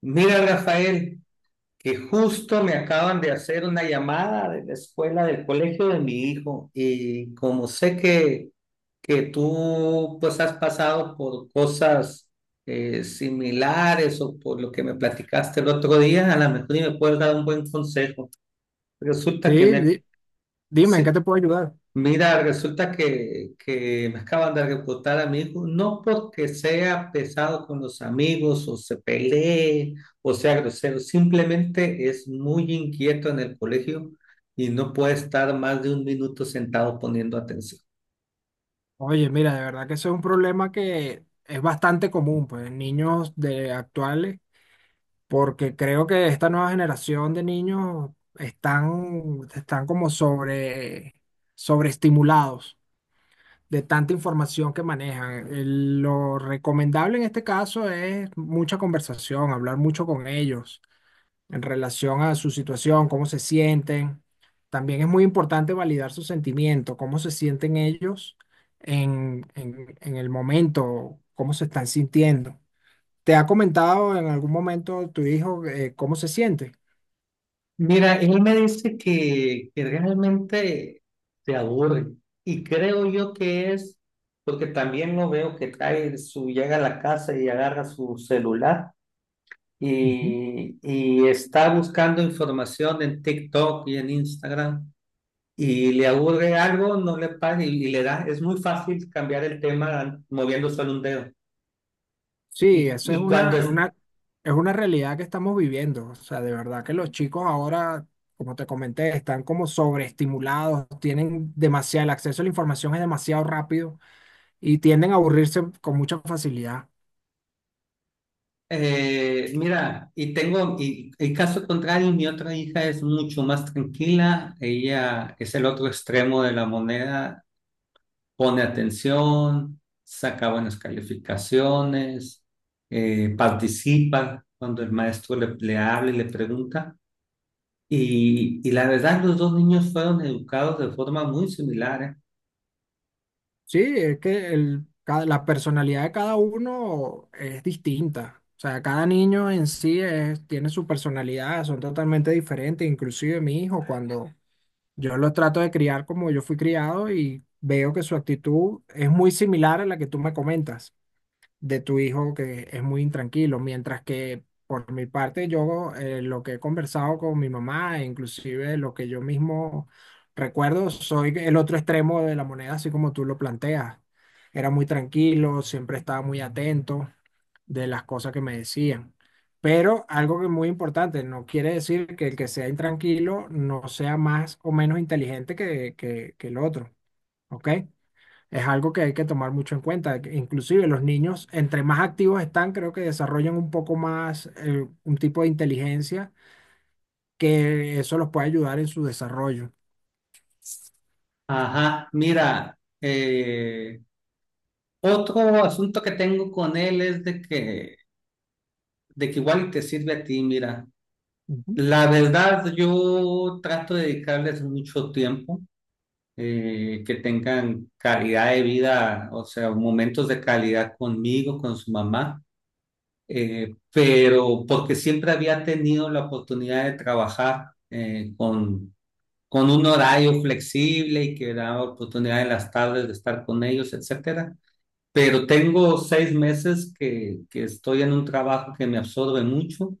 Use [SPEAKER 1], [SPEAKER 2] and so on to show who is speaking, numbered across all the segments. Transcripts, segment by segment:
[SPEAKER 1] Mira, Rafael, que justo me acaban de hacer una llamada de la escuela del colegio de mi hijo y como sé que tú pues has pasado por cosas similares o por lo que me platicaste el otro día, a lo mejor y me puedes dar un buen consejo.
[SPEAKER 2] Sí,
[SPEAKER 1] Resulta que me,
[SPEAKER 2] di- dime, ¿en qué te puedo ayudar?
[SPEAKER 1] mira, resulta que me acaban de reportar amigos, no porque sea pesado con los amigos o se pelee o sea grosero, simplemente es muy inquieto en el colegio y no puede estar más de un minuto sentado poniendo atención.
[SPEAKER 2] Oye, mira, de verdad que ese es un problema que es bastante común, pues, en niños de actuales, porque creo que esta nueva generación de niños están como sobreestimulados de tanta información que manejan. Lo recomendable en este caso es mucha conversación, hablar mucho con ellos en relación a su situación, cómo se sienten. También es muy importante validar sus sentimientos, cómo se sienten ellos en el momento, cómo se están sintiendo. ¿Te ha comentado en algún momento tu hijo, cómo se siente?
[SPEAKER 1] Mira, él me dice que realmente se aburre y creo yo que es porque también lo veo que trae su, llega a la casa y agarra su celular
[SPEAKER 2] Ujú.
[SPEAKER 1] y está buscando información en TikTok y en Instagram y le aburre algo, no le paga y le da. Es muy fácil cambiar el tema moviendo solo un dedo.
[SPEAKER 2] Sí,
[SPEAKER 1] Y,
[SPEAKER 2] eso es
[SPEAKER 1] y cuando es,
[SPEAKER 2] es una realidad que estamos viviendo. O sea, de verdad que los chicos ahora, como te comenté, están como sobreestimulados, tienen demasiado, el acceso a la información es demasiado rápido y tienden a aburrirse con mucha facilidad.
[SPEAKER 1] Mira, y el caso contrario, mi otra hija es mucho más tranquila, ella es el otro extremo de la moneda, pone atención, saca buenas calificaciones, participa cuando el maestro le habla y le pregunta. Y la verdad, los dos niños fueron educados de forma muy similar, ¿eh?
[SPEAKER 2] Sí, es que el, la personalidad de cada uno es distinta. O sea, cada niño en sí tiene su personalidad, son totalmente diferentes. Inclusive mi hijo, cuando yo lo trato de criar como yo fui criado y veo que su actitud es muy similar a la que tú me comentas de tu hijo que es muy intranquilo, mientras que por mi parte yo, lo que he conversado con mi mamá, e inclusive lo que yo mismo recuerdo, soy el otro extremo de la moneda, así como tú lo planteas. Era muy tranquilo, siempre estaba muy atento de las cosas que me decían. Pero algo que es muy importante, no quiere decir que el que sea intranquilo no sea más o menos inteligente que el otro, ¿ok? Es algo que hay que tomar mucho en cuenta. Que Inclusive los niños, entre más activos están, creo que desarrollan un poco más, un tipo de inteligencia que eso los puede ayudar en su desarrollo.
[SPEAKER 1] Ajá, mira, otro asunto que tengo con él es de que igual te sirve a ti, mira.
[SPEAKER 2] Ujú.
[SPEAKER 1] La verdad, yo trato de dedicarles mucho tiempo que tengan calidad de vida, o sea, momentos de calidad conmigo, con su mamá, pero porque siempre había tenido la oportunidad de trabajar con un horario flexible y que daba oportunidad en las tardes de estar con ellos, etcétera. Pero tengo seis meses que estoy en un trabajo que me absorbe mucho.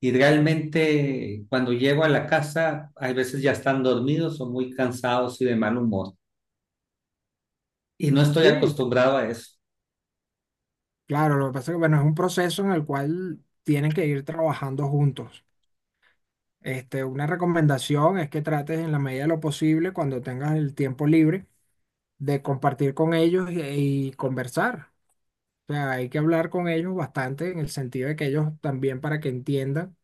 [SPEAKER 1] Y realmente cuando llego a la casa, a veces ya están dormidos o muy cansados y de mal humor, y no estoy
[SPEAKER 2] Sí,
[SPEAKER 1] acostumbrado a eso.
[SPEAKER 2] claro, lo que pasa es que, bueno, es un proceso en el cual tienen que ir trabajando juntos. Este, una recomendación es que trates en la medida de lo posible, cuando tengas el tiempo libre, de compartir con ellos y conversar. O sea, hay que hablar con ellos bastante en el sentido de que ellos también, para que entiendan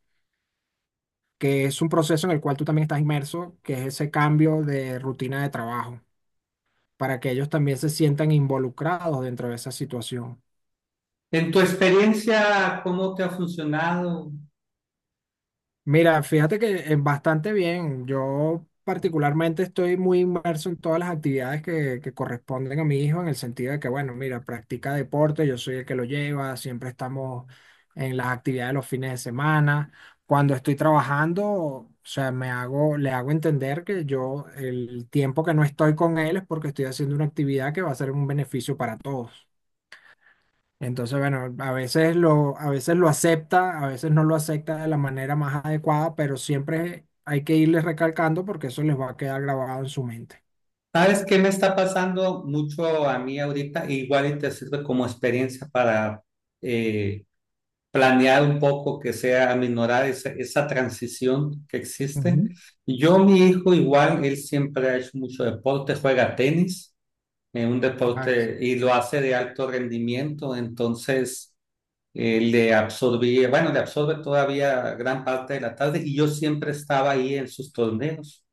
[SPEAKER 2] que es un proceso en el cual tú también estás inmerso, que es ese cambio de rutina de trabajo, para que ellos también se sientan involucrados dentro de esa situación.
[SPEAKER 1] En tu experiencia, ¿cómo te ha funcionado?
[SPEAKER 2] Mira, fíjate que es bastante bien. Yo particularmente estoy muy inmerso en todas las actividades que corresponden a mi hijo, en el sentido de que, bueno, mira, practica deporte, yo soy el que lo lleva, siempre estamos en las actividades de los fines de semana. Cuando estoy trabajando, o sea, le hago entender que yo el tiempo que no estoy con él es porque estoy haciendo una actividad que va a ser un beneficio para todos. Entonces, bueno, a veces lo acepta, a veces no lo acepta de la manera más adecuada, pero siempre hay que irles recalcando porque eso les va a quedar grabado en su mente.
[SPEAKER 1] ¿Sabes qué me está pasando mucho a mí ahorita? Igual y te sirve como experiencia para eh, planear un poco que sea aminorar esa transición que existe.
[SPEAKER 2] Ujú.
[SPEAKER 1] Yo, mi hijo, igual, él siempre ha hecho mucho deporte, juega tenis, en un
[SPEAKER 2] Alex.
[SPEAKER 1] deporte y lo hace de alto rendimiento, entonces le absorbía, bueno, le absorbe todavía gran parte de la tarde y yo siempre estaba ahí en sus torneos.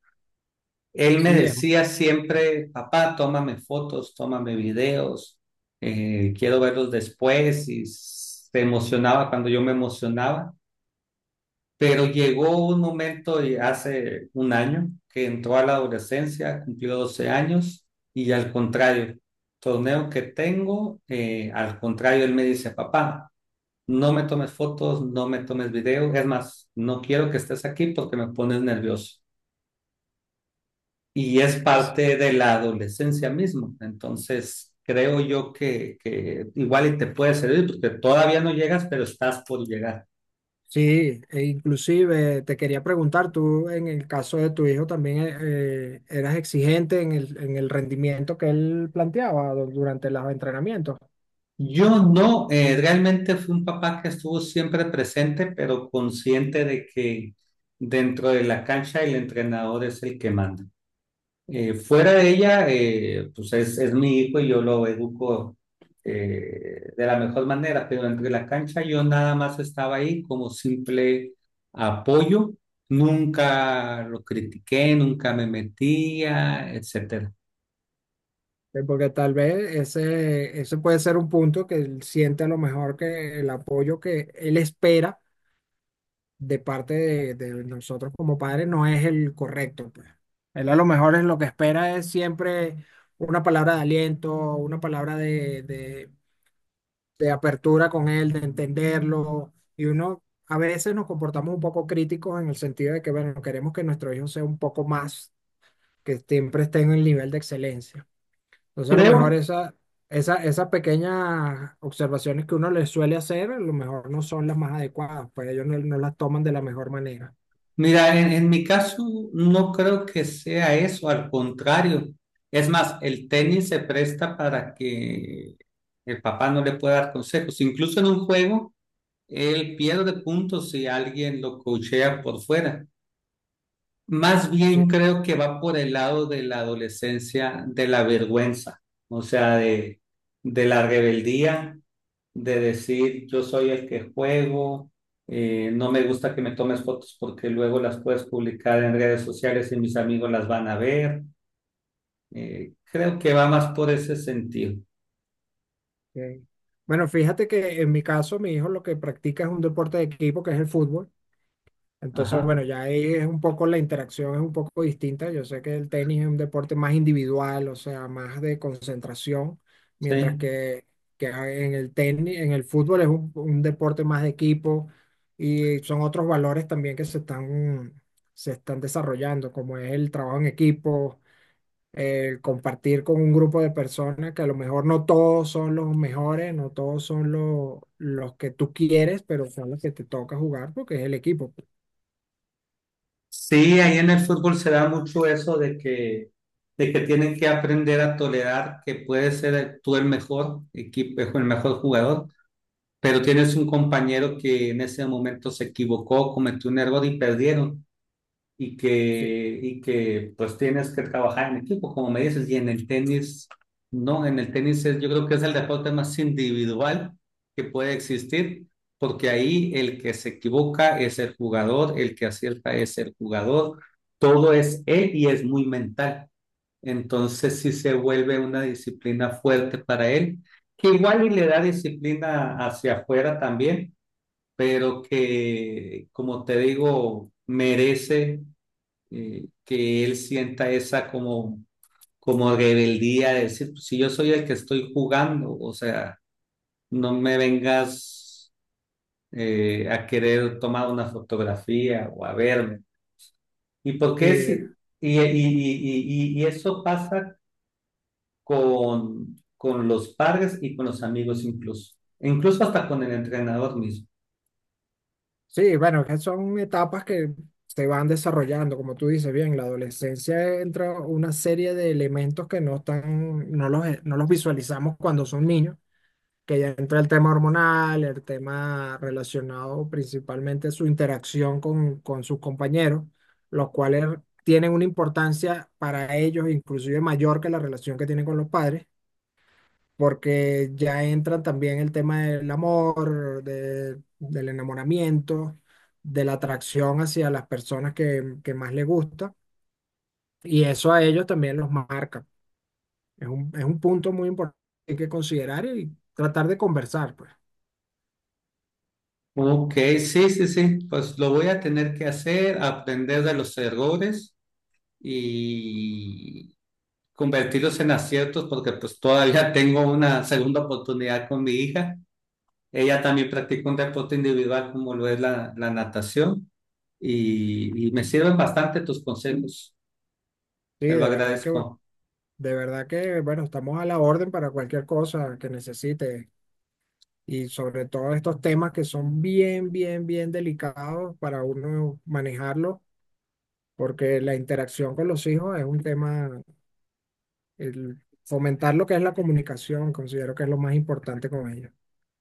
[SPEAKER 1] Él me
[SPEAKER 2] Sí, es-
[SPEAKER 1] decía siempre: papá, tómame fotos, tómame videos, quiero verlos después, y se emocionaba cuando yo me emocionaba, pero llegó un momento, y hace un año que entró a la adolescencia, cumplió 12 años y, al contrario, torneo que tengo, al contrario, él me dice: papá, no me tomes fotos, no me tomes video. Es más, no quiero que estés aquí porque me pones nervioso. Y es
[SPEAKER 2] es-
[SPEAKER 1] parte de la adolescencia mismo. Entonces, creo yo que igual y te puede servir porque todavía no llegas, pero estás por llegar.
[SPEAKER 2] sí, e inclusive te quería preguntar, tú en el caso de tu hijo también, ¿eras exigente en en el rendimiento que él planteaba durante los entrenamientos?
[SPEAKER 1] Yo no, realmente fui un papá que estuvo siempre presente, pero consciente de que dentro de la cancha el entrenador es el que manda. Fuera de ella, es mi hijo y yo lo educo de la mejor manera, pero entre la cancha yo nada más estaba ahí como simple apoyo, nunca lo critiqué, nunca me metía, etcétera.
[SPEAKER 2] Porque tal vez ese puede ser un punto que él siente a lo mejor, que el apoyo que él espera de parte de nosotros como padres no es el correcto, pues. Él a lo mejor, es lo que espera es siempre una palabra de aliento, una palabra de apertura con él, de entenderlo. Y uno a veces nos comportamos un poco críticos en el sentido de que, bueno, queremos que nuestro hijo sea un poco más, que siempre esté en el nivel de excelencia. Entonces, a lo mejor
[SPEAKER 1] Creo,
[SPEAKER 2] esas pequeñas observaciones que uno le suele hacer, a lo mejor no son las más adecuadas, pues ellos no, no las toman de la mejor manera.
[SPEAKER 1] mira, en mi caso no creo que sea eso, al contrario. Es más, el tenis se presta para que el papá no le pueda dar consejos, incluso en un juego. Él pierde puntos si alguien lo coachea por fuera. Más bien
[SPEAKER 2] Sí.
[SPEAKER 1] creo que va por el lado de la adolescencia, de la vergüenza, o sea, de, de la rebeldía, de decir yo soy el que juego, no me gusta que me tomes fotos porque luego las puedes publicar en redes sociales y mis amigos las van a ver. Creo que va más por ese sentido.
[SPEAKER 2] Ok. Bueno, fíjate que en mi caso, mi hijo lo que practica es un deporte de equipo, que es el fútbol. Entonces,
[SPEAKER 1] Ajá,
[SPEAKER 2] bueno, ya ahí es un poco, la interacción es un poco distinta. Yo sé que el tenis es un deporte más individual, o sea, más de concentración, mientras
[SPEAKER 1] sí.
[SPEAKER 2] que en el tenis, en el fútbol es un deporte más de equipo y son otros valores también se están desarrollando, como es el trabajo en equipo, el compartir con un grupo de personas que a lo mejor no todos son los mejores, no todos son los que tú quieres, pero son los que te toca jugar porque es el equipo, pues.
[SPEAKER 1] Sí, ahí en el fútbol se da mucho eso de que tienen que aprender a tolerar que puedes ser el- tú el mejor equipo, el mejor jugador, pero tienes un compañero que en ese momento se equivocó, cometió un error y perdieron y
[SPEAKER 2] Sí,
[SPEAKER 1] que, y que pues tienes que trabajar en equipo, como me dices, y en el tenis, no, en el tenis es- yo creo que es el deporte más individual que puede existir, porque ahí el que se equivoca es el jugador, el que acierta es el jugador, todo es él y es muy mental. Entonces sí se vuelve una disciplina fuerte para él, que igual y le da disciplina hacia afuera también, pero que, como te digo, merece que él sienta esa como, como rebeldía de decir, pues, si yo soy el que estoy jugando, o sea, no me vengas a querer tomar una fotografía o a verme. ¿Y por qué
[SPEAKER 2] sí,
[SPEAKER 1] sí? Y eso pasa con los padres y con los amigos incluso, e incluso hasta con el entrenador mismo.
[SPEAKER 2] sí, bueno, que son etapas que se van desarrollando, como tú dices bien. La adolescencia, entra una serie de elementos que no están, no los, no los visualizamos cuando son niños, que ya entra el tema hormonal, el tema relacionado principalmente a su interacción con sus compañeros, los cuales tienen una importancia para ellos inclusive mayor que la relación que tienen con los padres, porque ya entran también el tema del amor, del enamoramiento, de la atracción hacia las personas que más les gusta, y eso a ellos también los marca. Es un punto muy importante que hay que considerar y tratar de conversar, pues.
[SPEAKER 1] Ok, sí, pues lo voy a tener que hacer, aprender de los errores y convertirlos en aciertos porque pues todavía tengo una segunda oportunidad con mi hija. Ella también practica un deporte individual como lo es la natación y me sirven bastante tus consejos,
[SPEAKER 2] Sí,
[SPEAKER 1] te lo
[SPEAKER 2] de verdad que
[SPEAKER 1] agradezco.
[SPEAKER 2] De verdad que, bueno, estamos a la orden para cualquier cosa que necesite, y sobre todo estos temas que son bien delicados para uno manejarlo, porque la interacción con los hijos es un tema. El fomentar lo que es la comunicación, considero que es lo más importante con ellos.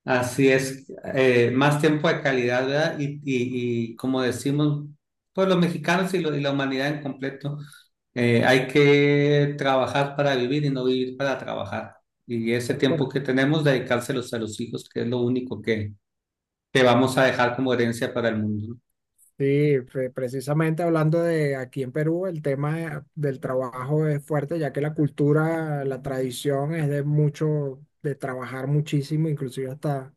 [SPEAKER 1] Así es, más tiempo de calidad, ¿verdad? Y como decimos, pues los mexicanos y, lo- y la humanidad en completo, hay que trabajar para vivir y no vivir para trabajar. Y ese
[SPEAKER 2] Es
[SPEAKER 1] tiempo
[SPEAKER 2] correcto.
[SPEAKER 1] que tenemos, dedicárselos a los hijos, que es lo único que vamos a dejar como herencia para el mundo.
[SPEAKER 2] Sí, precisamente hablando de aquí en Perú, el tema, del trabajo es fuerte, ya que la cultura, la tradición es de mucho, de trabajar muchísimo, inclusive hasta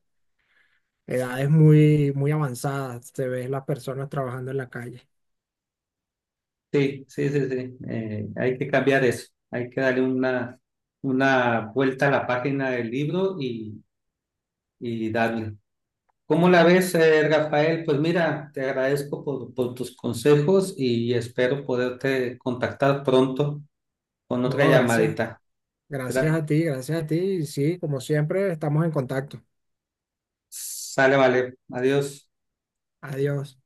[SPEAKER 2] edades muy avanzadas, te ves las personas trabajando en la calle.
[SPEAKER 1] Sí. Hay que cambiar eso. Hay que darle una vuelta a la página del libro y darle. ¿Cómo la ves, Rafael? Pues mira, te agradezco por tus consejos y espero poderte contactar pronto con
[SPEAKER 2] No,
[SPEAKER 1] otra
[SPEAKER 2] gracias,
[SPEAKER 1] llamadita. Gra-
[SPEAKER 2] gracias a ti. Sí, como siempre, estamos en contacto.
[SPEAKER 1] Sale, vale. Adiós.
[SPEAKER 2] Adiós.